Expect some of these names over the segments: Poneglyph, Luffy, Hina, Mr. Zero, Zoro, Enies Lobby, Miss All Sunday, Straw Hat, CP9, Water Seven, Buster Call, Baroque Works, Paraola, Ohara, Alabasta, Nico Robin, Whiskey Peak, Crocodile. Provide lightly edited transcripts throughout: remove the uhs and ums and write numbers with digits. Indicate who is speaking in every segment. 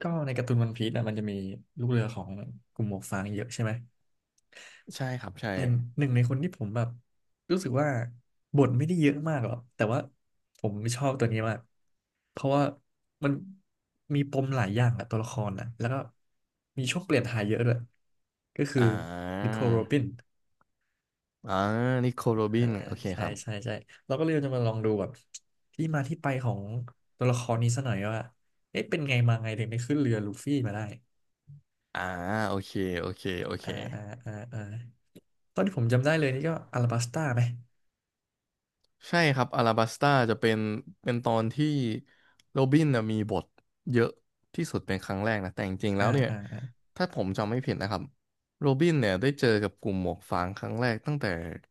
Speaker 1: ก็ในการ์ตูนวันพีซนะมันจะมีลูกเรือของกลุ่มหมวกฟางเยอะใช่ไหม
Speaker 2: ใช่ครับใช่
Speaker 1: แต่หนึ่งในคนที่ผมแบบรู้สึกว่าบทไม่ได้เยอะมากหรอกแต่ว่าผมชอบตัวนี้มากเพราะว่ามันมีปมหลายอย่างอะตัวละครนะแล้วก็มีช่วงเปลี่ยนถ่ายเยอะด้วยก็คือ
Speaker 2: อ่
Speaker 1: นิ
Speaker 2: า
Speaker 1: โคลโรบิน
Speaker 2: อ่านิโคโรบิ
Speaker 1: อ่า
Speaker 2: นโอเค
Speaker 1: ใช่
Speaker 2: ครับ
Speaker 1: ใช่ใช่เราก็เลยจะมาลองดูแบบที่มาที่ไปของตัวละครนี้ซะหน่อยว่าเอ๊ะเป็นไงมาไงถึงได้ขึ้นเรือลูฟี่มาได้
Speaker 2: อ่าโอเคโอเคโอเค
Speaker 1: อ่าอ่าอ่าอ่า ตอนที่ผมจำได้เลยนี่ก็อาราบัสต้าไหม
Speaker 2: ใช่ครับอาราบัสตาจะเป็นตอนที่โรบินน่ะมีบทเยอะที่สุดเป็นครั้งแรกนะแต่จริงๆ
Speaker 1: อ่า
Speaker 2: แล้วเนี่ย
Speaker 1: อ่า
Speaker 2: ถ้าผมจำไม่ผิดนะครับโรบินเนี่ยได้เจอกับกลุ่มหมวกฟางครั้งแรกตั้งแต่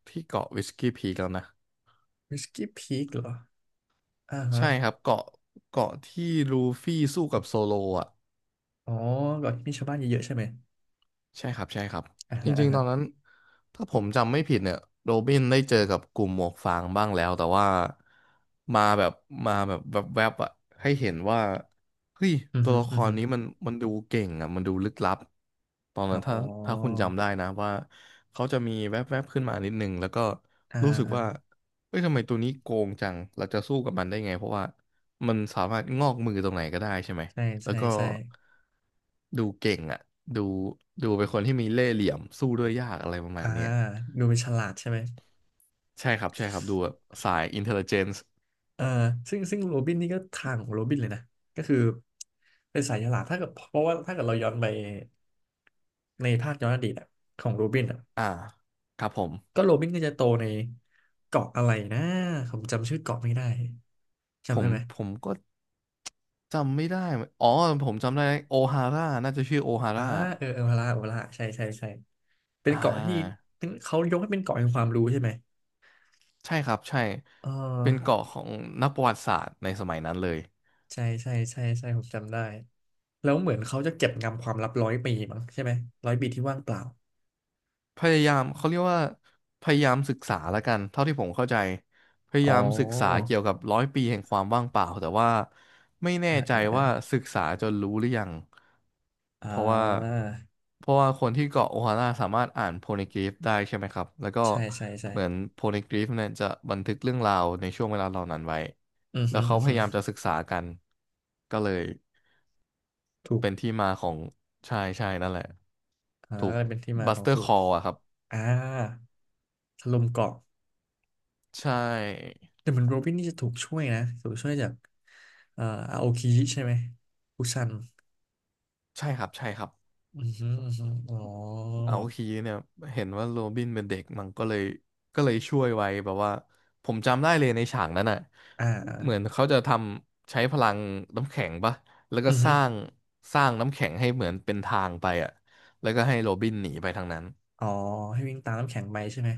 Speaker 2: ที่เกาะวิสกี้พีคแล้วนะ
Speaker 1: วิสกี้พีคเหรออ่าฮะ
Speaker 2: ใช่ครับเกาะที่ลูฟี่สู้กับโซโลอ่ะ
Speaker 1: อ๋อก็มีชาวบ้านเยอะๆใช่ไหม
Speaker 2: ใช่ครับใช่ครับ
Speaker 1: อ่า
Speaker 2: จ
Speaker 1: ฮะอ่า
Speaker 2: ริงๆต
Speaker 1: ฮะ
Speaker 2: อนนั้นถ้าผมจำไม่ผิดเนี่ยโรบินได้เจอกับกลุ่มหมวกฟางบ้างแล้วแต่ว่ามาแบบมาแบบแวบๆอะให้เห็นว่าเฮ้ย
Speaker 1: อือ
Speaker 2: ตัว
Speaker 1: ฮึ
Speaker 2: ละค
Speaker 1: อือ
Speaker 2: ร
Speaker 1: ฮึ
Speaker 2: นี้มันดูเก่งอะมันดูลึกลับตอน
Speaker 1: อ๋
Speaker 2: นั้นถ้าคุ
Speaker 1: อ
Speaker 2: ณจำได้นะว่าเขาจะมีแวบๆขึ้นมานิดนึงแล้วก็
Speaker 1: อ่า
Speaker 2: รู้สึก
Speaker 1: อ่า
Speaker 2: ว่าเฮ้ยทำไมตัวนี้โกงจังเราจะสู้กับมันได้ไงเพราะว่ามันสามารถงอกมือตรงไหนก็ได้ใช่ไหม
Speaker 1: ใช่
Speaker 2: แล้ว
Speaker 1: ใช่
Speaker 2: ก็
Speaker 1: ใช่
Speaker 2: ดูเก่งอ่ะดูดูเป็นคนที่มีเล่ห์เหลี่ยมสู้ด้วยยากอะไรประ
Speaker 1: อ่า
Speaker 2: มาณเนี้ย
Speaker 1: ดูเป็นฉลาดใช่ไหม
Speaker 2: ใช่ครับใช่ครับดูแบบสาย intelligence
Speaker 1: เออซึ่งโรบินนี่ก็ทางของโรบินเลยนะ ก็คือเป็นสายฉลาดถ้าเกิดเพราะว่าถ้าเกิดเราย้อนไปในภาคย้อนอดีตอะของโรบินอะ
Speaker 2: อ่าครับผม
Speaker 1: ก็โรบินก็จะโตในเกาะอะไรนะผมจำชื่อเกาะไม่ได้
Speaker 2: ผ
Speaker 1: จำได้
Speaker 2: ม
Speaker 1: ไหม
Speaker 2: ผมก็จำไม่ได้เหมือนอ๋อผมจำได้โอฮาร่าน่าจะชื่อโอฮา
Speaker 1: อ่า
Speaker 2: ร่า
Speaker 1: เออเออพาราโอลาใช่ใช่ใช่เป็น
Speaker 2: อ่
Speaker 1: เกาะที่
Speaker 2: า
Speaker 1: เป็นเขายกให้เป็นเกาะแห่งความรู้ใช่ไหม
Speaker 2: ใช่ครับใช่
Speaker 1: เอ
Speaker 2: เป็น
Speaker 1: อ
Speaker 2: เกาะของนักประวัติศาสตร์ในสมัยนั้นเลย
Speaker 1: ใช่ใช่ใช่ใช่ผมจำได้ แล้วเหมือนเขาจะเก็บงำความลับร้อยปีมั้งใช่ไหม ร้อยปีที่ว่างเปล่า
Speaker 2: พยายามเขาเรียกว่าพยายามศึกษาละกันเท่าที่ผมเข้าใจพยา
Speaker 1: อ๋
Speaker 2: ยามศึกษา
Speaker 1: อ
Speaker 2: เกี่ยวกับร้อยปีแห่งความว่างเปล่าแต่ว่าไม่แน่
Speaker 1: อ่า
Speaker 2: ใจ
Speaker 1: อ่าอ่า
Speaker 2: ว่าศึกษาจนรู้หรือยัง
Speaker 1: อ่
Speaker 2: เพราะว่า
Speaker 1: า
Speaker 2: เพราะว่าคนที่เกาะโอฮาร่าสามารถอ่านโพนิกริฟได้ใช่ไหมครับแล้วก็
Speaker 1: ใช่ใช่ใช่
Speaker 2: เหมือนโพนิกริฟเนี่ยจะบันทึกเรื่องราวในช่วงเวลาเหล่านั้นไว้
Speaker 1: อือ
Speaker 2: แล้
Speaker 1: ฮึ
Speaker 2: วเขา
Speaker 1: อือ
Speaker 2: พ
Speaker 1: ฮึ
Speaker 2: ยายามจะศึกษากันก็เลย
Speaker 1: ถูก
Speaker 2: เป็นที่มาของใช่ใช่นั่นแหละ
Speaker 1: อ่า
Speaker 2: ถูก
Speaker 1: เป็นที่มา
Speaker 2: บั
Speaker 1: ข
Speaker 2: ส
Speaker 1: อง
Speaker 2: เตอร์
Speaker 1: สู
Speaker 2: ค
Speaker 1: ต
Speaker 2: อ
Speaker 1: ร
Speaker 2: ลอะครับ
Speaker 1: อ่าถล่มเกาะ
Speaker 2: ใช่
Speaker 1: แต่เหมือนโรบินนี่จะถูกช่วยนะถูกช่วยจากเอ่ออาโอคิใช่ไหมอุซัน
Speaker 2: ใช่ครับใช่ครับ
Speaker 1: อือฮึอือฮึอ๋อ
Speaker 2: เอาฮีเนี่ยเห็นว่าโรบินเป็นเด็กมันก็เลยช่วยไว้แบบว่าผมจำได้เลยในฉากนั้นอ่ะ
Speaker 1: อ่า
Speaker 2: เหมือน
Speaker 1: อ
Speaker 2: เขาจะทำใช้พลังน้ำแข็งปะแล้วก็
Speaker 1: อือ
Speaker 2: ส
Speaker 1: ฮึ
Speaker 2: ร้างสร้างน้ำแข็งให้เหมือนเป็นทางไปอ่ะแล้วก็ให้โรบินหนีไปทางนั้น
Speaker 1: อ๋อให้วิ่งตามน้ำแข็งไปใช่ไหม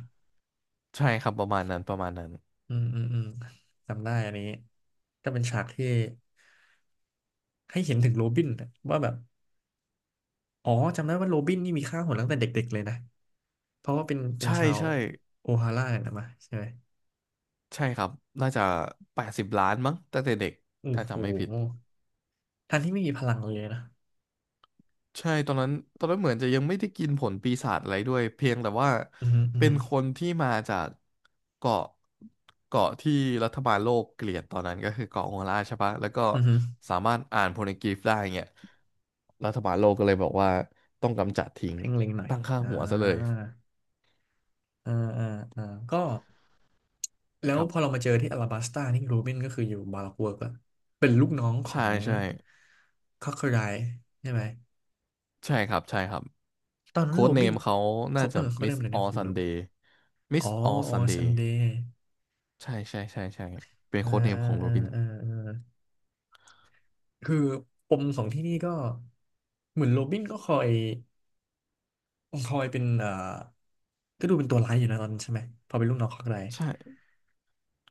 Speaker 2: ใช่ครับประมาณนั้นประมาณนั้น
Speaker 1: อืมอืมอืมจำได้อันนี้ก็เป็นฉากที่ให้เห็นถึงโรบินน่ะว่าแบบอ๋อจำได้ว่าโรบินนี่มีค่าหัวตั้งแต่เด็กๆเลยนะเพราะว่าเป็น
Speaker 2: ใช่
Speaker 1: ชาว
Speaker 2: ใช่
Speaker 1: โอฮาร่าเนี่ยนะมาใช่ไหม
Speaker 2: ใช่ครับน่าจะ80 ล้านมั้งตั้งแต่เด็ก
Speaker 1: โอ้
Speaker 2: ถ้า
Speaker 1: โห
Speaker 2: จำไม่ผิด
Speaker 1: ทั้งที่ไม่มีพลังเลยนะ
Speaker 2: ใช่ตอนนั้นเหมือนจะยังไม่ได้กินผลปีศาจอะไรด้วยเพียงแต่ว่า
Speaker 1: อือฮึอือ
Speaker 2: เป็
Speaker 1: ฮึ
Speaker 2: นคนที่มาจากเกาะที่รัฐบาลโลกเกลียดตอนนั้นก็คือเกาะโฮล่าใช่ปะแล้วก็
Speaker 1: อือฮึ
Speaker 2: สามารถอ่านโพลกรีฟได้เงี้ยรัฐบาลโลกก็เลยบอกว่าต้องกำจัดทิ้ง
Speaker 1: เพ่งเล็งหน่อย
Speaker 2: ตั้งค่า
Speaker 1: อ่า
Speaker 2: หัวซะเลย
Speaker 1: อ่าอ่าอ่าก็ แล้
Speaker 2: ค
Speaker 1: ว
Speaker 2: รับ
Speaker 1: พอเรามาเจอที่อลาบัสตานี่รูบินก็คืออยู่บาร็อกเวิร์กละเป็นลูกน้องขอ
Speaker 2: ใช่
Speaker 1: ง
Speaker 2: ใช่
Speaker 1: คอคเคอไรใช่ไหม
Speaker 2: ใช่ครับใช่ครับ
Speaker 1: ตอนนั้น
Speaker 2: โค้
Speaker 1: โร
Speaker 2: ดเน
Speaker 1: บิ
Speaker 2: ม
Speaker 1: น
Speaker 2: เขาน่า
Speaker 1: เขาเอ
Speaker 2: จะ
Speaker 1: อเขาเรียก
Speaker 2: Miss
Speaker 1: อะไรนะ
Speaker 2: All
Speaker 1: ผมลืม
Speaker 2: Sunday
Speaker 1: อ๋
Speaker 2: Miss
Speaker 1: อ
Speaker 2: All
Speaker 1: อ๋อ
Speaker 2: Sunday
Speaker 1: ซันเดย์
Speaker 2: ใช่ใช่ใช่ใช่เป็น
Speaker 1: อ่า
Speaker 2: โค้ดเนม
Speaker 1: อ่า
Speaker 2: ของโร
Speaker 1: อ่า
Speaker 2: บิน
Speaker 1: อ่าอ่าคือปมของที่นี่ก็เหมือนโรบินก็คอยเป็นก็ดูเป็นตัวร้ายอยู่นะตอนนั้นใช่ไหมพอเป็นลูกน้องคอคเคอไร
Speaker 2: ใช่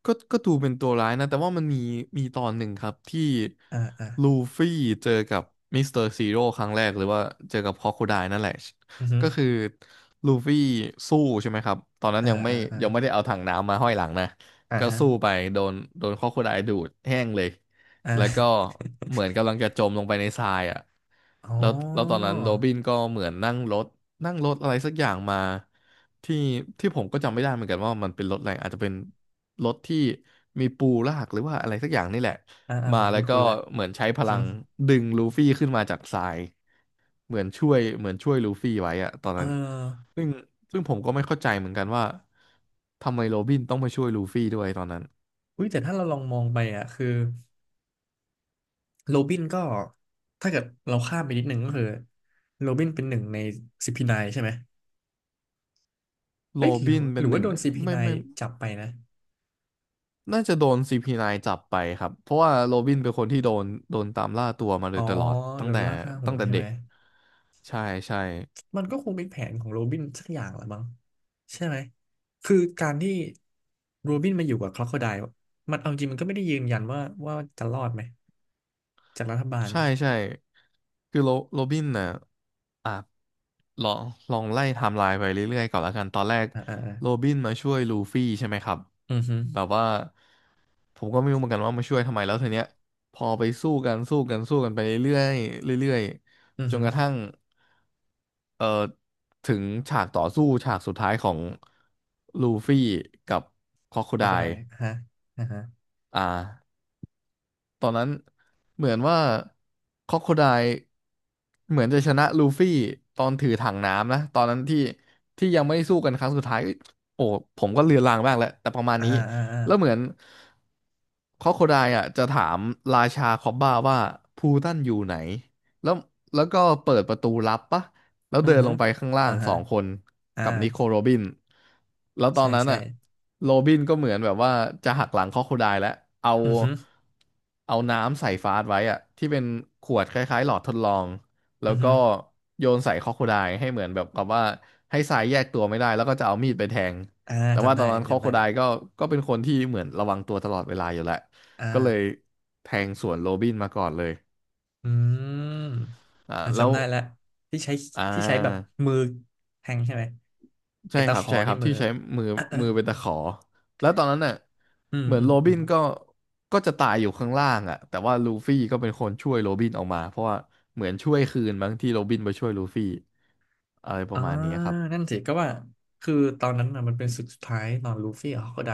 Speaker 2: ก็ดูเป็นตัวร้ายนะแต่ว่ามันมีตอนหนึ่งครับที่
Speaker 1: อ่าอ่า
Speaker 2: ลูฟี่เจอกับมิสเตอร์ซีโร่ครั้งแรกหรือว่าเจอกับครอโคไดล์นั่นแหละ
Speaker 1: อือฮึ
Speaker 2: ก็คือลูฟี่สู้ใช่ไหมครับตอนนั้น
Speaker 1: อ่าอ่าอ่า
Speaker 2: ยังไม่ได้เอาถังน้ำมาห้อยหลังนะ
Speaker 1: อ่า
Speaker 2: ก็
Speaker 1: ฮะ
Speaker 2: สู้ไปโดนค o อโคไดลดูดแห้งเลย
Speaker 1: อ่
Speaker 2: แล้วก็
Speaker 1: า
Speaker 2: เหมือนกำลังจะจมลงไปในทรายอ่ะ
Speaker 1: อ๋อ
Speaker 2: แล้วตอนนั้นโรบินก็เหมือนนั่งรถอะไรสักอย่างมาที่ที่ผมก็จำไม่ได้เหมือนกันว่ามันเป็นรถอะไรอาจจะเป็นรถที่มีปูลากหรือว่าอะไรสักอย่างนี่แหละ
Speaker 1: อ่าอ่า
Speaker 2: มา
Speaker 1: ผม
Speaker 2: แล้วก็
Speaker 1: คุ้นๆละ
Speaker 2: เหมือนใช้พลังดึงลูฟี่ขึ้นมาจากทรายเหมือนช่วยลูฟี่ไว้อะตอน
Speaker 1: เอ
Speaker 2: นั้น
Speaker 1: อ
Speaker 2: ซึ่งซึ่งผมก็ไม่เข้าใจเหมือนกันว่าทำไมโรบินต้องมาช่วยลูฟี่ด้วยตอนนั้น
Speaker 1: อุ้ยแต่ถ้าเราลองมองไปอ่ะคือโรบินก็ ถ้าเกิดเราข้ามไปนิดหนึ่งก็คือโรบินเป็นหนึ่งในซีพีไนน์ใช่ไหม
Speaker 2: โร
Speaker 1: เอ้ยหรือ
Speaker 2: บิน
Speaker 1: ห
Speaker 2: เป็น
Speaker 1: รือ
Speaker 2: ห
Speaker 1: ว่า
Speaker 2: นึ่ง
Speaker 1: โดนซีพีไน
Speaker 2: ไม่
Speaker 1: น์
Speaker 2: ไม่
Speaker 1: จับไปนะ
Speaker 2: น่าจะโดน CP9 จับไปครับเพราะว่าโรบินเป็นคนที่โดนตามล่าตัวมาโด
Speaker 1: อ๋อ
Speaker 2: ยตลอดตั้
Speaker 1: โด
Speaker 2: ง
Speaker 1: น
Speaker 2: แต่
Speaker 1: ล่าฆ่าหัวใช่
Speaker 2: เด็
Speaker 1: ไหม
Speaker 2: กใช่ใช่
Speaker 1: มันก็คงเป็นแผนของโรบินสักอย่างแหละมั้งใช่ไหมคือการที่โรบินมาอยู่กับคล็อกโคไดลมันเอาจริงมันก็ไม่ได้ยืนยันว่าจะรอดไหมจากรัฐบาล
Speaker 2: ใช่ใช่คือโรบินน่ะอ่ะลองลองไล่ไทม์ไลน์ไปเรื่อยๆก่อนแล้วกันตอนแรก
Speaker 1: อ่าอ่าอา
Speaker 2: โรบินมาช่วยลูฟี่ใช่ไหมครับ
Speaker 1: อือฮึ
Speaker 2: แบบว่าผมก็ไม่รู้เหมือนกันว่ามาช่วยทำไมแล้วทีเนี้ยพอไปสู้กันสู้กันสู้กันไปเรื่อยๆเรื่อย
Speaker 1: อือ
Speaker 2: ๆจน
Speaker 1: ฮึ
Speaker 2: กระทั่ง เอ่อถึงฉากต่อสู้ฉากสุดท้ายของลูฟี่กับค o อ o ค i
Speaker 1: คล็อ
Speaker 2: ได
Speaker 1: กโคได
Speaker 2: e
Speaker 1: ลฮะอ่าฮะ
Speaker 2: อ่าตอนนั้นเหมือนว่าค o อ o ค i ได e เหมือนจะชนะลูฟี่ตอนถือถังน้ำนะตอนนั้นที่ที่ยังไม่ได้สู้กันครั้งสุดท้ายโอ้ผมก็เลือนลางบ้างแล้วแต่ประมาณ
Speaker 1: อ่า
Speaker 2: นี้
Speaker 1: อ่าอ่า
Speaker 2: แล้วเหมือนค o อ o ค i ได e อ่ะจะถามราชาคอบบ้าว่าพูตันอยู่ไหนแล้วแล้วก็เปิดประตูลับปะ แล้ว
Speaker 1: อื
Speaker 2: เดิ
Speaker 1: อ
Speaker 2: น
Speaker 1: ฮึ
Speaker 2: ลงไปข้างล่า
Speaker 1: อ่า
Speaker 2: งส
Speaker 1: ฮะ
Speaker 2: องคน
Speaker 1: อ่า
Speaker 2: กับนิโคโรบินแล้วตอ
Speaker 1: ใช่
Speaker 2: นนั้น
Speaker 1: ใช่
Speaker 2: อะโรบินก็เหมือนแบบว่าจะหักหลังครอโคไดแล้วเอา
Speaker 1: อือฮึ
Speaker 2: เอาน้ำใส่ฟาสไว้อะที่เป็นขวดคล้ายๆหลอดทดลองแล้
Speaker 1: อื
Speaker 2: ว
Speaker 1: อ
Speaker 2: ก็
Speaker 1: ฮึ
Speaker 2: โยนใส่ครอโคไดให้เหมือนแบบกับว่าให้ทรายแยกตัวไม่ได้แล้วก็จะเอามีดไปแทง
Speaker 1: อ่า
Speaker 2: แต่ว่า
Speaker 1: จำ
Speaker 2: ต
Speaker 1: ได้
Speaker 2: อน
Speaker 1: อัน
Speaker 2: นั้น
Speaker 1: นี้
Speaker 2: ครอ
Speaker 1: จำ
Speaker 2: โค
Speaker 1: ได้เล
Speaker 2: ได
Speaker 1: ย
Speaker 2: ก็เป็นคนที่เหมือนระวังตัวตลอดเวลาอยู่แล้วก็เลย
Speaker 1: อ่า
Speaker 2: แทงสวนโรบินมาก่อนเลย
Speaker 1: อืม
Speaker 2: อ่า
Speaker 1: อ่า
Speaker 2: แล้ว
Speaker 1: จำได้ละที่ใช้
Speaker 2: อ่า
Speaker 1: ที่ใช้แบบมือแทงใช่ไหม
Speaker 2: ใช่
Speaker 1: ไอ้
Speaker 2: ค
Speaker 1: ตะ
Speaker 2: รั
Speaker 1: ข
Speaker 2: บ
Speaker 1: อ
Speaker 2: ใช่ค
Speaker 1: ที่
Speaker 2: รับ
Speaker 1: มือ
Speaker 2: ที่
Speaker 1: อ
Speaker 2: ใช้มือ
Speaker 1: ะ
Speaker 2: มือเป็น ตะขอแล้วตอนนั้นน่ะ
Speaker 1: อืม
Speaker 2: เหมือ
Speaker 1: อื
Speaker 2: น
Speaker 1: ม
Speaker 2: โร
Speaker 1: อื
Speaker 2: บิ
Speaker 1: ม
Speaker 2: นก็จะตายอยู่ข้างล่างอ่ะแต่ว่าลูฟี่ก็เป็นคนช่วยโรบินออกมาเพราะว่าเหมือนช่วยคืนบางที่โรบินไปช่วยลูฟี่อะไรป
Speaker 1: อ่า
Speaker 2: ระมาณนี้ครับ
Speaker 1: นั่นสิก็ว่าคือตอนนั้นนะมันเป็นศึกสุดท้ายตอนลูฟี่กับค็อกไได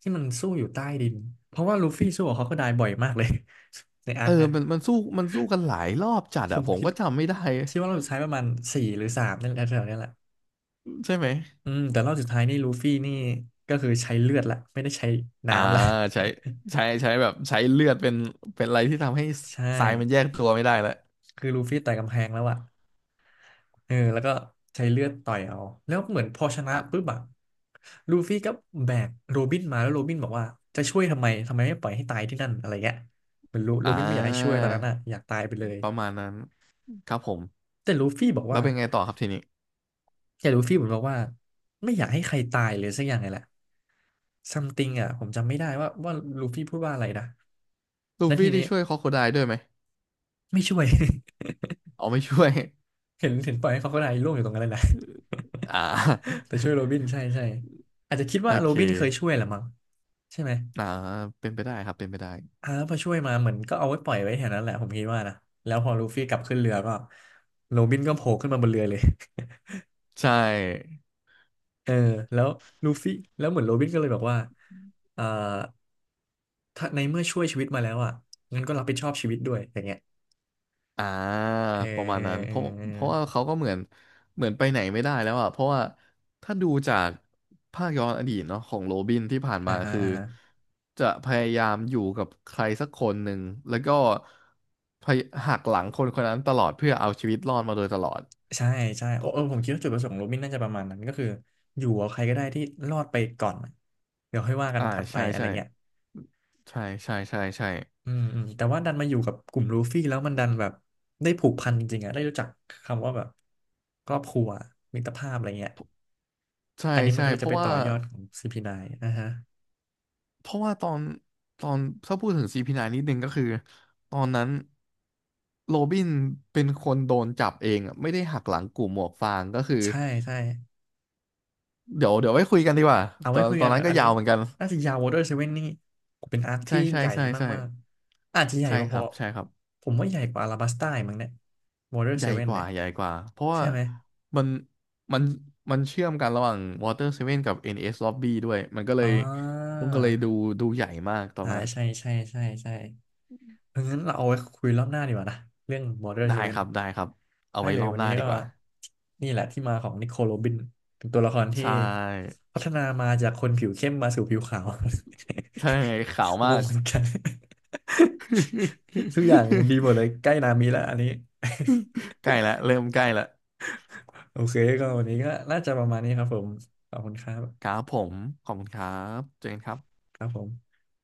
Speaker 1: ที่มันสู้อยู่ใต้ดินเพราะว่าลูฟี่สู้กับฮอกไไดบ่อยมากเลย ในอา
Speaker 2: เอ
Speaker 1: ร์ค
Speaker 2: อ
Speaker 1: เนะ
Speaker 2: มันสู้กันหลายรอบจัด
Speaker 1: ผ
Speaker 2: อะ
Speaker 1: ม
Speaker 2: ผม
Speaker 1: คิด
Speaker 2: ก็จำไม่ได้
Speaker 1: คิดว่าเราใช้ประมาณสี่หรือสามนั่นแหละแถวๆเนี้ยแหละ
Speaker 2: ใช่ไหม
Speaker 1: อืมแต่รอบสุดท้ายนี่ลูฟี่นี่ก็คือใช้เลือดละไม่ได้ใช้
Speaker 2: อ่า
Speaker 1: น้ำละ
Speaker 2: ใช้ใช้แบบใช้เลือดเป็นอะไรที่ทำให้
Speaker 1: ใช่
Speaker 2: ทรายมันแยกตัวไม่ได้แล้ว
Speaker 1: คือลูฟี่ต่อยกำแพงแล้วอะเออแล้วก็ใช้เลือดต่อยเอาแล้วเหมือนพอชนะ
Speaker 2: อ่ะ
Speaker 1: ปุ๊บอะลูฟี่ก็แบกโรบินมาแล้วโรบินบอกว่าจะช่วยทำไมทำไมไม่ปล่อยให้ตายที่นั่นอะไรเงี้ยเหมือนโรโร
Speaker 2: อ่
Speaker 1: บินไม่อยากให้ช่วย
Speaker 2: า
Speaker 1: ตอนนั้นอะอยากตายไปเลย
Speaker 2: ประมาณนั้นครับผม
Speaker 1: แต่ลูฟี่บอก
Speaker 2: แล้
Speaker 1: ว่า
Speaker 2: วเป็นไงต่อครับทีนี้
Speaker 1: แต่ลูฟี่เหมือนบอกว่าไม่อยากให้ใครตายเลยสักอย่างไงแหละซัม e ิง i n อะผมจำไม่ได้ว่าลูฟี่พูดว่าอะไรนะ
Speaker 2: ลู
Speaker 1: แล้วที
Speaker 2: ฟี่
Speaker 1: นี้
Speaker 2: ที่ช่วยคอโคไดด้วยไหม
Speaker 1: ไม่ช่วย
Speaker 2: อ๋อไม่ช่วย
Speaker 1: เห็นเห็นปล่อยให้เขาก็ได้ร่วงอยู่ตรงนั้นเลยนะ
Speaker 2: อ่า
Speaker 1: แต่ช่วยโรบินใช่ใช่อาจจะคิด
Speaker 2: โอ
Speaker 1: ว่าโร
Speaker 2: เค
Speaker 1: บินเคยช่วยแหละมั้งใช่ไหม
Speaker 2: อ่าเป็นไปได้ครับ เป็นไปได้
Speaker 1: อ่าแล้วพอช่วยมาเหมือนก็เอาไว้ปล่อยไว้แถวนั้นแหละผมคิดว่านะแล้วพอลูฟี่กลับขึ้นเรือก็โรบินก็โผล่ขึ้นมาบนเรือเลย
Speaker 2: ใช่
Speaker 1: เออแล้วลูฟี่แล้วเหมือนโรบินก็เลยบอกว่าเอ่อถ้าในเมื่อช่วยชีวิตมาแล้วอ่ะงั้นก็รับผิดชอบชีวิตด้วยอย่างเงี้ย
Speaker 2: อ่า
Speaker 1: เออ
Speaker 2: ประมา
Speaker 1: เอ
Speaker 2: ณ
Speaker 1: อ
Speaker 2: นั้น
Speaker 1: เอ
Speaker 2: เพ
Speaker 1: อ
Speaker 2: ราะ
Speaker 1: เออ
Speaker 2: เพราะว่าเขาก็เหมือนไปไหนไม่ได้แล้วอ่ะเพราะว่าถ้าดูจากภาคย้อนอดีตเนาะของโรบินที่ผ่าน
Speaker 1: อ่า
Speaker 2: มา
Speaker 1: ฮะ
Speaker 2: คือ
Speaker 1: อ่าฮะ
Speaker 2: จะพยายามอยู่กับใครสักคนหนึ่งแล้วก็พยหักหลังคนคนนั้นตลอดเพื่อเอาชีวิตรอดมาโดยตลอด
Speaker 1: ใช่ใช่
Speaker 2: ผ
Speaker 1: โอ้
Speaker 2: ม
Speaker 1: เออผมคิดว่าจุดประสงค์ของโรบินน่าจะประมาณนั้นก็คืออยู่กับใครก็ได้ที่รอดไปก่อนเดี๋ยวค่อยว่ากัน
Speaker 2: อ่า
Speaker 1: ถัดไป
Speaker 2: ใช่
Speaker 1: อะไร
Speaker 2: ใช่
Speaker 1: เงี้ย
Speaker 2: ใช่ใช่ใช่ใช่
Speaker 1: อืมอืมแต่ว่าดันมาอยู่กับกลุ่มลูฟี่แล้วมันดันแบบได้ผูกพันจริงๆอะได้รู้จักคำว่าแบบครอบครัวมิตรภาพอะไรเงี้ย
Speaker 2: ใช่
Speaker 1: อันนี้มัน
Speaker 2: ใช่
Speaker 1: ก็เลย
Speaker 2: เพ
Speaker 1: จะ
Speaker 2: ราะ
Speaker 1: ไปต่
Speaker 2: ว่า
Speaker 1: อยอดของ CP9 นน์นะฮะ
Speaker 2: เพราะว่าตอนตอนถ้าพูดถึงซีพีไนนิดนึงก็คือตอนนั้นโรบินเป็นคนโดนจับเองอะไม่ได้หักหลังกลุ่มหมวกฟางก็คือ
Speaker 1: ใช่ใช่
Speaker 2: เดี๋ยวเดี๋ยวไว้คุยกันดีกว่า
Speaker 1: เอา
Speaker 2: ต
Speaker 1: ไว้
Speaker 2: อน
Speaker 1: คุย
Speaker 2: ตอ
Speaker 1: กั
Speaker 2: น
Speaker 1: น
Speaker 2: นั้นก็
Speaker 1: อันนี้
Speaker 2: ยาวเหมือนกัน
Speaker 1: น่าจะยาววอเตอร์เซเว่นนี่เป็นอาร์ค
Speaker 2: ใช่
Speaker 1: ที่
Speaker 2: ใช่
Speaker 1: ใหญ่
Speaker 2: ใช่ใช่
Speaker 1: มากๆ อาจจะใหญ่
Speaker 2: ใช่
Speaker 1: พ
Speaker 2: ครั
Speaker 1: อ
Speaker 2: บใช่ครับ
Speaker 1: ๆ ผมว่าใหญ่กว่าอาราบัสต้าอีกมั้งเนี่ย วอเตอร์
Speaker 2: ให
Speaker 1: เซ
Speaker 2: ญ่
Speaker 1: เว่น
Speaker 2: ก
Speaker 1: เนี่
Speaker 2: ว่า
Speaker 1: ย
Speaker 2: ใหญ่กว่าเพราะว่า
Speaker 1: ใช่ไหม
Speaker 2: มันมันมันเชื่อมกันระหว่าง Water Seven กับ NS Lobby ด้วยมันก็เล
Speaker 1: อ่
Speaker 2: ย
Speaker 1: า
Speaker 2: มันก็เลยดูใหญ่มากตอน
Speaker 1: อ่า
Speaker 2: นั้น
Speaker 1: ใช่ใช่ใช่ใช่ เอองั้นเราเอาไว้คุยรอบหน้าดีกว่านะเรื่อง Border
Speaker 2: ได้ค
Speaker 1: Seven
Speaker 2: รับได้ครับเอา
Speaker 1: ได้
Speaker 2: ไว้
Speaker 1: เล
Speaker 2: ร
Speaker 1: ย
Speaker 2: อบ
Speaker 1: วัน
Speaker 2: หน้า
Speaker 1: นี้
Speaker 2: ดี
Speaker 1: ก็
Speaker 2: กว่า
Speaker 1: นี่แหละที่มาของนิโคลโรบินเป็นตัวละครที่
Speaker 2: ใช่
Speaker 1: พัฒนามาจากคนผิวเข้มมาสู่ผิวขาว
Speaker 2: ใช่ขาว
Speaker 1: ง
Speaker 2: มา
Speaker 1: ง
Speaker 2: ก
Speaker 1: เหมือนกัน ทุกอย่างดีหมดเล ยใกล้นามิแล้วอันนี้
Speaker 2: ใกล้แล้วเริ่มใกล้แล้ว
Speaker 1: โอเคก็วันนี้ก็น่าจะประมาณนี้ครับผมขอบคุณครั
Speaker 2: ค
Speaker 1: บ
Speaker 2: รับผมขอบคุณครับเจนครับ
Speaker 1: ครับผม